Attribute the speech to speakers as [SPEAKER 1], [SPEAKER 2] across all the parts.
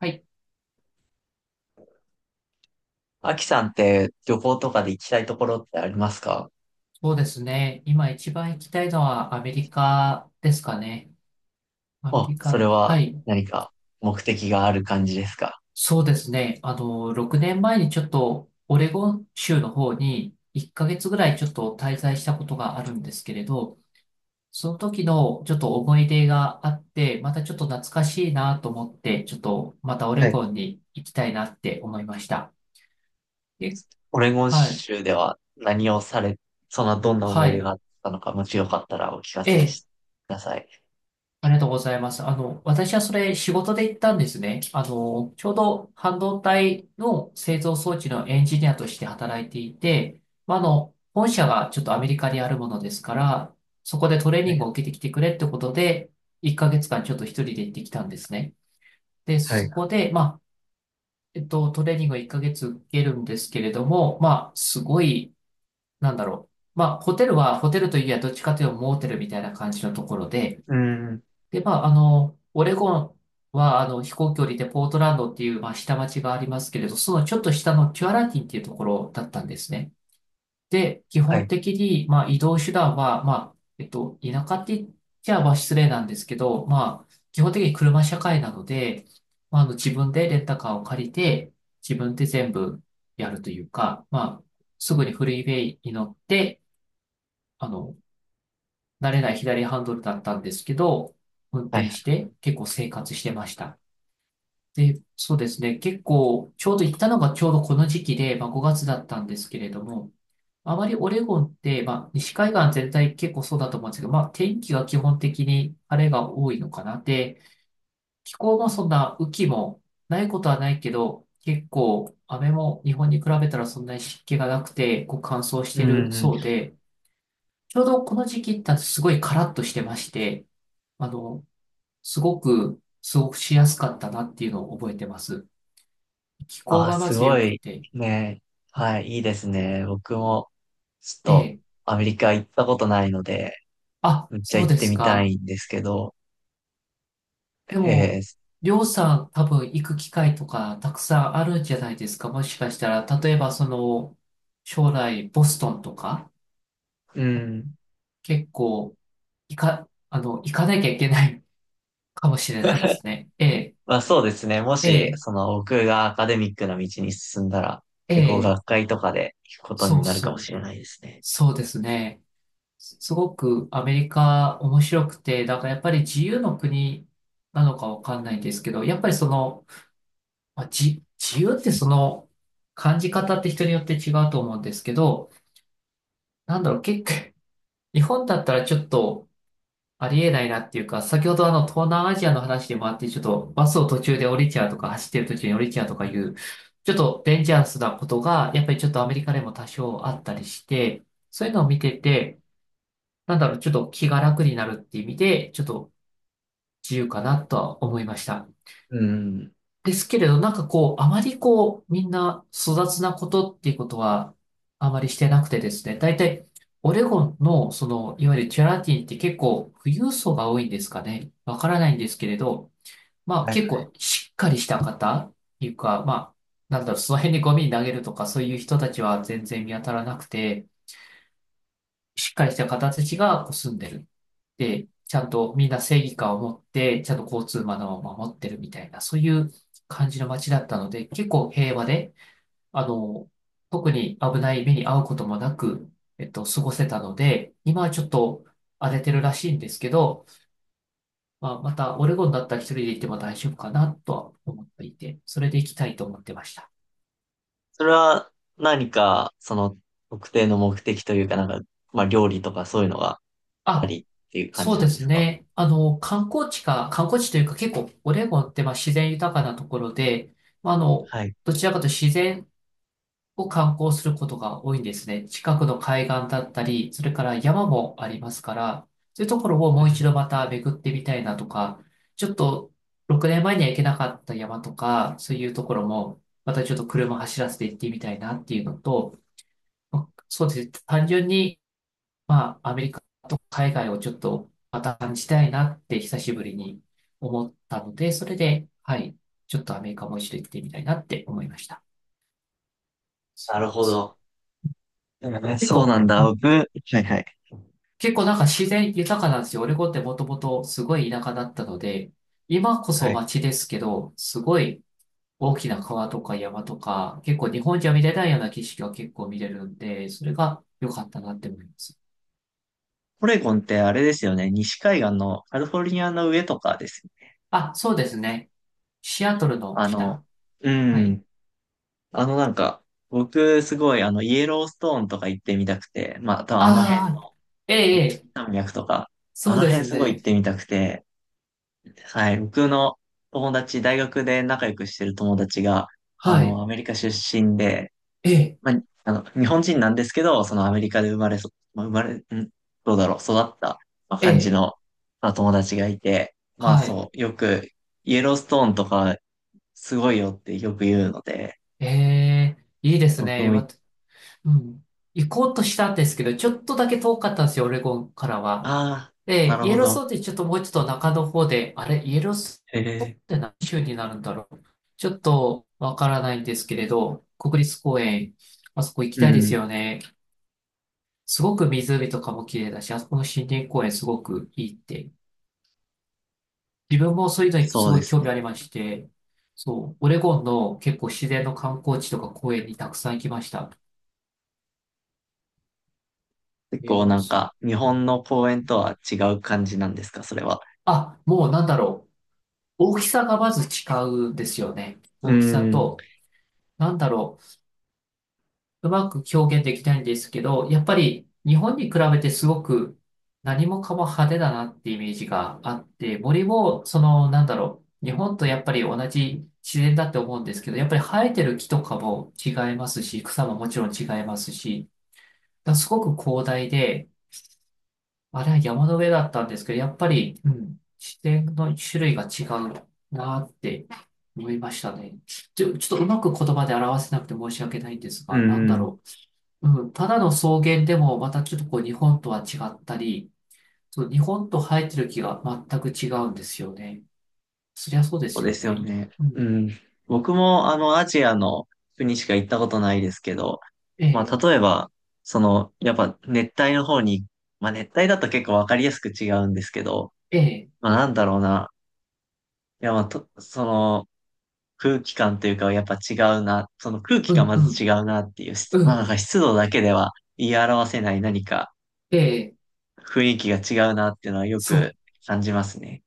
[SPEAKER 1] はい、
[SPEAKER 2] アキさんって旅行とかで行きたいところってありますか？
[SPEAKER 1] そうですね。今一番行きたいのはアメリカですかね。アメ
[SPEAKER 2] あ、
[SPEAKER 1] リ
[SPEAKER 2] そ
[SPEAKER 1] カ、
[SPEAKER 2] れは
[SPEAKER 1] はい、
[SPEAKER 2] 何か目的がある感じですか？
[SPEAKER 1] そうですね。6年前にちょっとオレゴン州の方に1ヶ月ぐらいちょっと滞在したことがあるんですけれど、その時のちょっと思い出があって、またちょっと懐かしいなと思って、ちょっとまたオ
[SPEAKER 2] は
[SPEAKER 1] レ
[SPEAKER 2] い。
[SPEAKER 1] ゴンに行きたいなって思いました。え、
[SPEAKER 2] オレゴン
[SPEAKER 1] はい、
[SPEAKER 2] 州では何をされ、そんなどんな思
[SPEAKER 1] は
[SPEAKER 2] い出
[SPEAKER 1] い。
[SPEAKER 2] があったのか、もしよかったらお聞かせ
[SPEAKER 1] え
[SPEAKER 2] し
[SPEAKER 1] え、
[SPEAKER 2] ください。
[SPEAKER 1] ありがとうございます。私はそれ仕事で行ったんですね。ちょうど半導体の製造装置のエンジニアとして働いていて、まあ、本社がちょっとアメリカにあるものですから、そこでトレー
[SPEAKER 2] は
[SPEAKER 1] ニン
[SPEAKER 2] い。
[SPEAKER 1] グを受けてきてくれってことで、1ヶ月間ちょっと一人で行ってきたんですね。で、
[SPEAKER 2] はい。
[SPEAKER 1] そこで、まあ、トレーニングを1ヶ月受けるんですけれども、まあ、すごい、なんだろう。まあ、ホテルは、ホテルといえばどっちかというとモーテルみたいな感じのところで、
[SPEAKER 2] うん。
[SPEAKER 1] で、まあ、オレゴンは、飛行距離でポートランドっていう、まあ、下町がありますけれど、そのちょっと下のキュアラティンっていうところだったんですね。で、基
[SPEAKER 2] は
[SPEAKER 1] 本
[SPEAKER 2] い。
[SPEAKER 1] 的に、まあ、移動手段は、まあ、田舎って言っちゃ、まあ、失礼なんですけど、まあ、基本的に車社会なので、まあ、自分でレンタカーを借りて、自分で全部やるというか、まあ、すぐにフリーウェイに乗って、あの、慣れない左ハンドルだったんですけど、運
[SPEAKER 2] は
[SPEAKER 1] 転
[SPEAKER 2] い。
[SPEAKER 1] して結構生活してました。で、そうですね。結構、ちょうど行ったのがちょうどこの時期で、まあ、5月だったんですけれども、あまりオレゴンって、まあ、西海岸全体結構そうだと思うんですけど、まあ、天気が基本的に晴れが多いのかな。で、気候もそんな雨季もないことはないけど、結構雨も日本に比べたらそんなに湿気がなくて、こう乾燥し
[SPEAKER 2] う
[SPEAKER 1] てる
[SPEAKER 2] ん。うん。
[SPEAKER 1] そうで、ちょうどこの時期ってすごいカラッとしてまして、あの、すごく過ごしやすかったなっていうのを覚えてます。気候
[SPEAKER 2] あ、
[SPEAKER 1] がま
[SPEAKER 2] す
[SPEAKER 1] ず
[SPEAKER 2] ご
[SPEAKER 1] 良く
[SPEAKER 2] い。
[SPEAKER 1] て、
[SPEAKER 2] ね。はい。いいですね。僕もちょっ
[SPEAKER 1] え
[SPEAKER 2] と
[SPEAKER 1] え、
[SPEAKER 2] アメリカ行ったことないので、
[SPEAKER 1] あ、
[SPEAKER 2] めっちゃ
[SPEAKER 1] そう
[SPEAKER 2] 行っ
[SPEAKER 1] で
[SPEAKER 2] て
[SPEAKER 1] す
[SPEAKER 2] みた
[SPEAKER 1] か。
[SPEAKER 2] いんですけど、
[SPEAKER 1] でも、
[SPEAKER 2] えー、
[SPEAKER 1] りょうさん多分行く機会とかたくさんあるんじゃないですか。もしかしたら、例えばその、将来ボストンとか、
[SPEAKER 2] う
[SPEAKER 1] あの
[SPEAKER 2] ん。
[SPEAKER 1] 結構、行かなきゃいけない かもしれないですね。ええ、
[SPEAKER 2] まあそうですね。も
[SPEAKER 1] え
[SPEAKER 2] し、
[SPEAKER 1] え、
[SPEAKER 2] その僕がアカデミックな道に進んだら、
[SPEAKER 1] え
[SPEAKER 2] 結構
[SPEAKER 1] え、
[SPEAKER 2] 学会とかで聞くこと
[SPEAKER 1] そ
[SPEAKER 2] に
[SPEAKER 1] う
[SPEAKER 2] なるか
[SPEAKER 1] そ
[SPEAKER 2] もし
[SPEAKER 1] う、
[SPEAKER 2] れないですね。
[SPEAKER 1] そうですね。すごくアメリカ面白くて、だからやっぱり自由の国なのかわかんないんですけど、やっぱりその、まあ、自由ってその感じ方って人によって違うと思うんですけど、なんだろう、結構、日本だったらちょっとありえないなっていうか、先ほどあの東南アジアの話でもあって、ちょっとバスを途中で降りちゃうとか、走ってる途中に降りちゃうと
[SPEAKER 2] う
[SPEAKER 1] かい
[SPEAKER 2] ん。
[SPEAKER 1] う、ちょっとデンジャラスなことが、やっぱりちょっとアメリカでも多少あったりして、そういうのを見てて、なんだろう、ちょっと気が楽になるって意味で、ちょっと自由かなとは思いました。
[SPEAKER 2] うん。
[SPEAKER 1] ですけれど、なんかこう、あまりこう、みんな粗雑なことっていうことは、あまりしてなくてですね、大体、オレゴンの、その、いわゆるチャラティって結構、富裕層が多いんですかね。わからないんですけれど、まあ
[SPEAKER 2] はい
[SPEAKER 1] 結
[SPEAKER 2] はい。
[SPEAKER 1] 構しっかりした方っていうか、まあ、なんだろう、その辺にゴミ投げるとか、そういう人たちは全然見当たらなくて、しっかりした方たちがこう住んでる。で、ちゃんとみんな正義感を持って、ちゃんと交通マナーを守ってるみたいな、そういう感じの街だったので、結構平和で、あの、特に危ない目に遭うこともなく、過ごせたので、今はちょっと荒れてるらしいんですけど、まあ、またオレゴンだったら一人で行っても大丈夫かなとは思っていて、それで行きたいと思ってました。
[SPEAKER 2] それは何か、その特定の目的というか、なんか、まあ料理とかそういうのがあった
[SPEAKER 1] あ、
[SPEAKER 2] りっていう感
[SPEAKER 1] そ
[SPEAKER 2] じ
[SPEAKER 1] う
[SPEAKER 2] な
[SPEAKER 1] で
[SPEAKER 2] んで
[SPEAKER 1] す
[SPEAKER 2] すか？
[SPEAKER 1] ね。観光地というか結構オレゴンってまあ自然豊かなところで、まあ、
[SPEAKER 2] はい。
[SPEAKER 1] どちらかというと自然を観光することが多いんですね。近くの海岸だったり、それから山もありますから、そういうところを
[SPEAKER 2] う
[SPEAKER 1] もう一
[SPEAKER 2] ん。
[SPEAKER 1] 度また巡ってみたいなとか、ちょっと6年前には行けなかった山とか、そういうところもまたちょっと車走らせて行ってみたいなっていうのと、まあそうですね。単純にまあ、アメリカと海外をちょっとまた感じたいなって久しぶりに思ったので、それで、はい、ちょっとアメリカも一緒に行ってみたいなって思いました。
[SPEAKER 2] なるほど。うん、
[SPEAKER 1] 結
[SPEAKER 2] そうな
[SPEAKER 1] 構、
[SPEAKER 2] んだ。
[SPEAKER 1] うん、
[SPEAKER 2] 僕、はいはい。
[SPEAKER 1] 結構なんか自然豊かなんですよ。オレゴンってもともとすごい田舎だったので、今こ
[SPEAKER 2] は
[SPEAKER 1] そ
[SPEAKER 2] い。
[SPEAKER 1] 街ですけど、すごい大きな川とか山とか、結構日本じゃ見れないような景色が結構見れるんで、それが良かったなって思います。
[SPEAKER 2] オレゴンってあれですよね。西海岸のカリフォルニアの上とかですよね。
[SPEAKER 1] あ、そうですね。シアトルの
[SPEAKER 2] あの、
[SPEAKER 1] 下。
[SPEAKER 2] う
[SPEAKER 1] はい。
[SPEAKER 2] ん。あのなんか、僕すごいイエローストーンとか行ってみたくて、まあ多分あの辺
[SPEAKER 1] ああ、
[SPEAKER 2] の
[SPEAKER 1] ええ、ええ、
[SPEAKER 2] 山脈とか、あ
[SPEAKER 1] そう
[SPEAKER 2] の
[SPEAKER 1] で
[SPEAKER 2] 辺
[SPEAKER 1] す
[SPEAKER 2] すごい行っ
[SPEAKER 1] ね。
[SPEAKER 2] てみたくて、はい、僕の友達、大学で仲良くしてる友達が、
[SPEAKER 1] はい。
[SPEAKER 2] アメリカ出身で、
[SPEAKER 1] ええ、
[SPEAKER 2] まあ、日本人なんですけど、そのアメリカで生まれそ、まあ、生まれ、ん、どうだろう、育った、まあ、
[SPEAKER 1] え
[SPEAKER 2] 感じ
[SPEAKER 1] え、
[SPEAKER 2] の、まあ、友達がいて、まあ
[SPEAKER 1] はい。
[SPEAKER 2] そう、よくイエローストーンとかすごいよってよく言うので、
[SPEAKER 1] ええ、いいです
[SPEAKER 2] 僕
[SPEAKER 1] ね。
[SPEAKER 2] もい、
[SPEAKER 1] うん。行こうとしたんですけど、ちょっとだけ遠かったんですよ、オレゴンからは。
[SPEAKER 2] ああな
[SPEAKER 1] で、
[SPEAKER 2] る
[SPEAKER 1] イエ
[SPEAKER 2] ほ
[SPEAKER 1] ローストー
[SPEAKER 2] ど。
[SPEAKER 1] ンってちょっともうちょっと中の方で、あれ、イエロース
[SPEAKER 2] ええ、
[SPEAKER 1] トーンって何州になるんだろう。ちょっとわからないんですけれど、国立公園、あそこ行き
[SPEAKER 2] う
[SPEAKER 1] たいです
[SPEAKER 2] ん、
[SPEAKER 1] よね。すごく湖とかも綺麗だし、あそこの森林公園すごくいいって自分もそういうのにす
[SPEAKER 2] そう
[SPEAKER 1] ご
[SPEAKER 2] で
[SPEAKER 1] い
[SPEAKER 2] す
[SPEAKER 1] 興味
[SPEAKER 2] ね。
[SPEAKER 1] ありまして、そう、オレゴンの結構自然の観光地とか公園にたくさん行きました。
[SPEAKER 2] 結
[SPEAKER 1] メール
[SPEAKER 2] 構なんか、日本の公園とは違う感じなんですか、それは。
[SPEAKER 1] あ、もうなんだろう。大きさがまず違うんですよね。
[SPEAKER 2] う
[SPEAKER 1] 大きさ
[SPEAKER 2] ん、
[SPEAKER 1] と、なんだろう。うまく表現できないんですけど、やっぱり日本に比べてすごく何もかも派手だなってイメージがあって、森も、その、なんだろう。日本とやっぱり同じ自然だって思うんですけど、やっぱり生えてる木とかも違いますし、草ももちろん違いますし、だすごく広大で、あれは山の上だったんですけど、やっぱり、うん、自然の種類が違うなって思いましたね。ちょっとうまく言葉で表せなくて申し訳ないんです
[SPEAKER 2] う
[SPEAKER 1] が、なんだ
[SPEAKER 2] ん、
[SPEAKER 1] ろう。うん、ただの草原でもまたちょっとこう日本とは違ったり、そう、日本と生えてる木が全く違うんですよね。そりゃそうで
[SPEAKER 2] そ
[SPEAKER 1] す
[SPEAKER 2] うで
[SPEAKER 1] よ
[SPEAKER 2] すよ
[SPEAKER 1] ね。
[SPEAKER 2] ね。
[SPEAKER 1] うん、
[SPEAKER 2] うん。僕もアジアの国しか行ったことないですけど、
[SPEAKER 1] え
[SPEAKER 2] まあ、
[SPEAKER 1] え、
[SPEAKER 2] 例えば、その、やっぱ熱帯の方に、まあ、熱帯だと結構わかりやすく違うんですけど、
[SPEAKER 1] ええ、
[SPEAKER 2] まあ、なんだろうな。いや、まあ、と、その、空気感というか、やっぱ違うな。その空気
[SPEAKER 1] う
[SPEAKER 2] が
[SPEAKER 1] ん、
[SPEAKER 2] ま
[SPEAKER 1] う
[SPEAKER 2] ず違
[SPEAKER 1] ん、
[SPEAKER 2] うなっていう、
[SPEAKER 1] う
[SPEAKER 2] まあ、なん
[SPEAKER 1] ん、
[SPEAKER 2] か湿度だけでは言い表せない何か、
[SPEAKER 1] ええ、
[SPEAKER 2] 雰囲気が違うなっていうのはよ
[SPEAKER 1] そ
[SPEAKER 2] く
[SPEAKER 1] う。
[SPEAKER 2] 感じますね。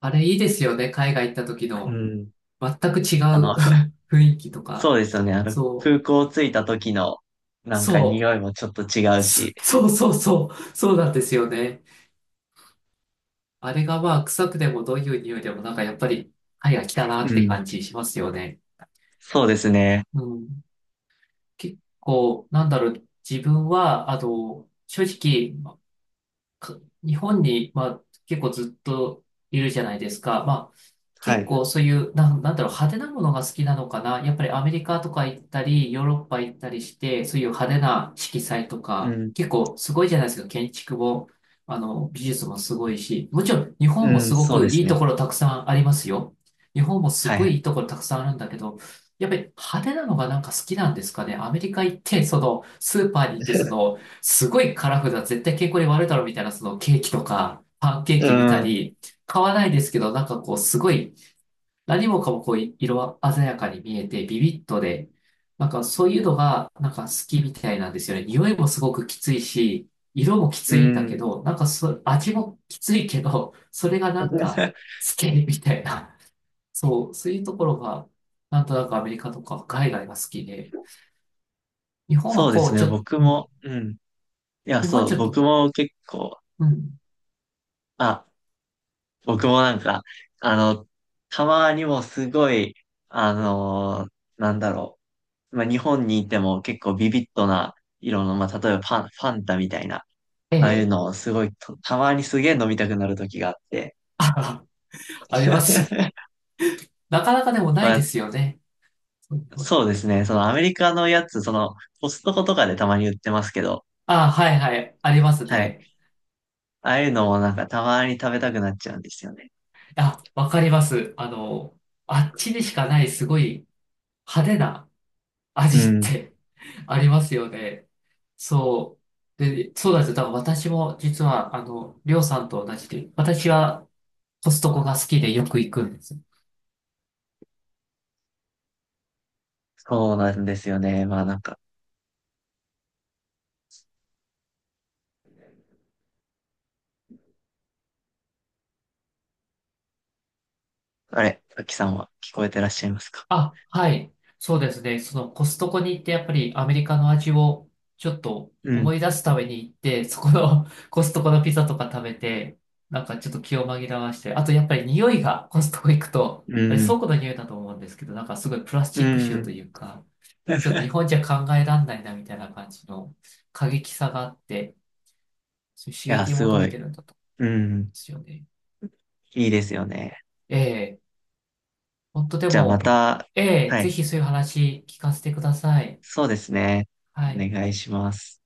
[SPEAKER 1] あれいいですよね。海外行った時
[SPEAKER 2] う
[SPEAKER 1] の。
[SPEAKER 2] ん。
[SPEAKER 1] 全く違
[SPEAKER 2] あ
[SPEAKER 1] う
[SPEAKER 2] の、
[SPEAKER 1] 雰囲気と
[SPEAKER 2] そ
[SPEAKER 1] か、
[SPEAKER 2] うですよね。
[SPEAKER 1] そう、
[SPEAKER 2] 空港着いた時のなんか
[SPEAKER 1] そう、
[SPEAKER 2] 匂いもちょっと違うし。
[SPEAKER 1] そうなんですよね。あれがまあ臭くてもどういう匂いでもなんかやっぱり肺が来たな
[SPEAKER 2] う
[SPEAKER 1] って
[SPEAKER 2] ん。
[SPEAKER 1] 感じしますよね。
[SPEAKER 2] そうですね。
[SPEAKER 1] うん。結構、なんだろう、自分は、あの、正直、か日本に、まあ、結構ずっといるじゃないですか。まあ、
[SPEAKER 2] は
[SPEAKER 1] 結
[SPEAKER 2] い。
[SPEAKER 1] 構そういう、なんだろう、派手なものが好きなのかな。やっぱりアメリカとか行ったり、ヨーロッパ行ったりして、そういう派手な色彩と
[SPEAKER 2] う
[SPEAKER 1] か、
[SPEAKER 2] ん。
[SPEAKER 1] 結構すごいじゃないですか。建築も、美術もすごいし、もちろん日本
[SPEAKER 2] う
[SPEAKER 1] も
[SPEAKER 2] ん。
[SPEAKER 1] すご
[SPEAKER 2] そう
[SPEAKER 1] く
[SPEAKER 2] で
[SPEAKER 1] い
[SPEAKER 2] す
[SPEAKER 1] いと
[SPEAKER 2] ね。
[SPEAKER 1] ころたくさんありますよ。日本もす
[SPEAKER 2] はい
[SPEAKER 1] ご
[SPEAKER 2] は
[SPEAKER 1] いい
[SPEAKER 2] い。
[SPEAKER 1] いところたくさんあるんだけど、やっぱり派手なのがなんか好きなんですかね。アメリカ行って、その、スーパーに行って、その、すごいカラフルな、絶対健康に悪いだろうみたいな、そのケーキとか、パンケー
[SPEAKER 2] う
[SPEAKER 1] キ見た
[SPEAKER 2] ん。
[SPEAKER 1] り、買わないですけど、なんかこう、すごい、何もかもこう、色鮮やかに見えて、ビビッとで、なんかそういうのが、なんか好きみたいなんですよね。匂いもすごくきついし、色もき
[SPEAKER 2] う
[SPEAKER 1] ついんだけ
[SPEAKER 2] ん。
[SPEAKER 1] ど、なんかそ、味もきついけど、それがなんか、好きみたいな。そう、そういうところが、なんとなくアメリカとか海外が好きで、日本は
[SPEAKER 2] そうで
[SPEAKER 1] こ
[SPEAKER 2] す
[SPEAKER 1] う、
[SPEAKER 2] ね。
[SPEAKER 1] ちょっと、
[SPEAKER 2] 僕
[SPEAKER 1] うん、
[SPEAKER 2] も、うん。いや、
[SPEAKER 1] 日本
[SPEAKER 2] そ
[SPEAKER 1] ち
[SPEAKER 2] う、
[SPEAKER 1] ょっと、
[SPEAKER 2] 僕も結構、
[SPEAKER 1] うん、
[SPEAKER 2] あ、僕もなんか、あの、たまにもすごい、あのーなんだろう。まあ、日本にいても結構ビビッドな色の、まあ、例えばパン、ファンタみたいな、
[SPEAKER 1] え
[SPEAKER 2] ああいう
[SPEAKER 1] え
[SPEAKER 2] のをすごいと、たまにすげえ飲みたくなる時があって。
[SPEAKER 1] あ、ありますよ。なかなかでもな
[SPEAKER 2] ま
[SPEAKER 1] いで
[SPEAKER 2] あ、
[SPEAKER 1] すよね。そうそう
[SPEAKER 2] そうですね。そのアメリカのやつ、その、コストコとかでたまに売ってますけど、
[SPEAKER 1] あ、はいはい、あります
[SPEAKER 2] はい。
[SPEAKER 1] ね。
[SPEAKER 2] ああいうのもなんかたまに食べたくなっちゃうんですよね。
[SPEAKER 1] あ、わかります。あの、あっちにしかないすごい派手な
[SPEAKER 2] う
[SPEAKER 1] 味っ
[SPEAKER 2] ん。
[SPEAKER 1] て ありますよね。そう。で、そうなんですよ。だから私も実は、あの、りょうさんと同じで、私はコストコが好きでよく行くんです。
[SPEAKER 2] そうなんですよね。まあなんか、あれ、さきさんは聞こえてらっしゃいますか？
[SPEAKER 1] あ、はい。そうですね。そのコストコに行ってやっぱりアメリカの味をちょっと
[SPEAKER 2] うん。
[SPEAKER 1] 思い出すために行って、そこの コストコのピザとか食べて、なんかちょっと気を紛らわして、あとやっぱり匂いがコストコ行くと、
[SPEAKER 2] う
[SPEAKER 1] あれ倉
[SPEAKER 2] ん。
[SPEAKER 1] 庫の匂いだと思うんですけど、なんかすごいプラス
[SPEAKER 2] う
[SPEAKER 1] チック臭と
[SPEAKER 2] ん。
[SPEAKER 1] いうか、ちょっと日
[SPEAKER 2] い
[SPEAKER 1] 本じゃ考えらんないなみたいな感じの過激さがあって、そういう刺
[SPEAKER 2] や、
[SPEAKER 1] 激を
[SPEAKER 2] す
[SPEAKER 1] 求
[SPEAKER 2] ご
[SPEAKER 1] めて
[SPEAKER 2] い。
[SPEAKER 1] るんだと思
[SPEAKER 2] う
[SPEAKER 1] うん
[SPEAKER 2] ん。
[SPEAKER 1] ですよね。
[SPEAKER 2] いいですよね。
[SPEAKER 1] ええ、本当で
[SPEAKER 2] じゃあま
[SPEAKER 1] も、
[SPEAKER 2] た、
[SPEAKER 1] ええ、
[SPEAKER 2] は
[SPEAKER 1] ぜ
[SPEAKER 2] い。
[SPEAKER 1] ひそういう話聞かせてください。
[SPEAKER 2] そうですね。お
[SPEAKER 1] はい。
[SPEAKER 2] 願いします。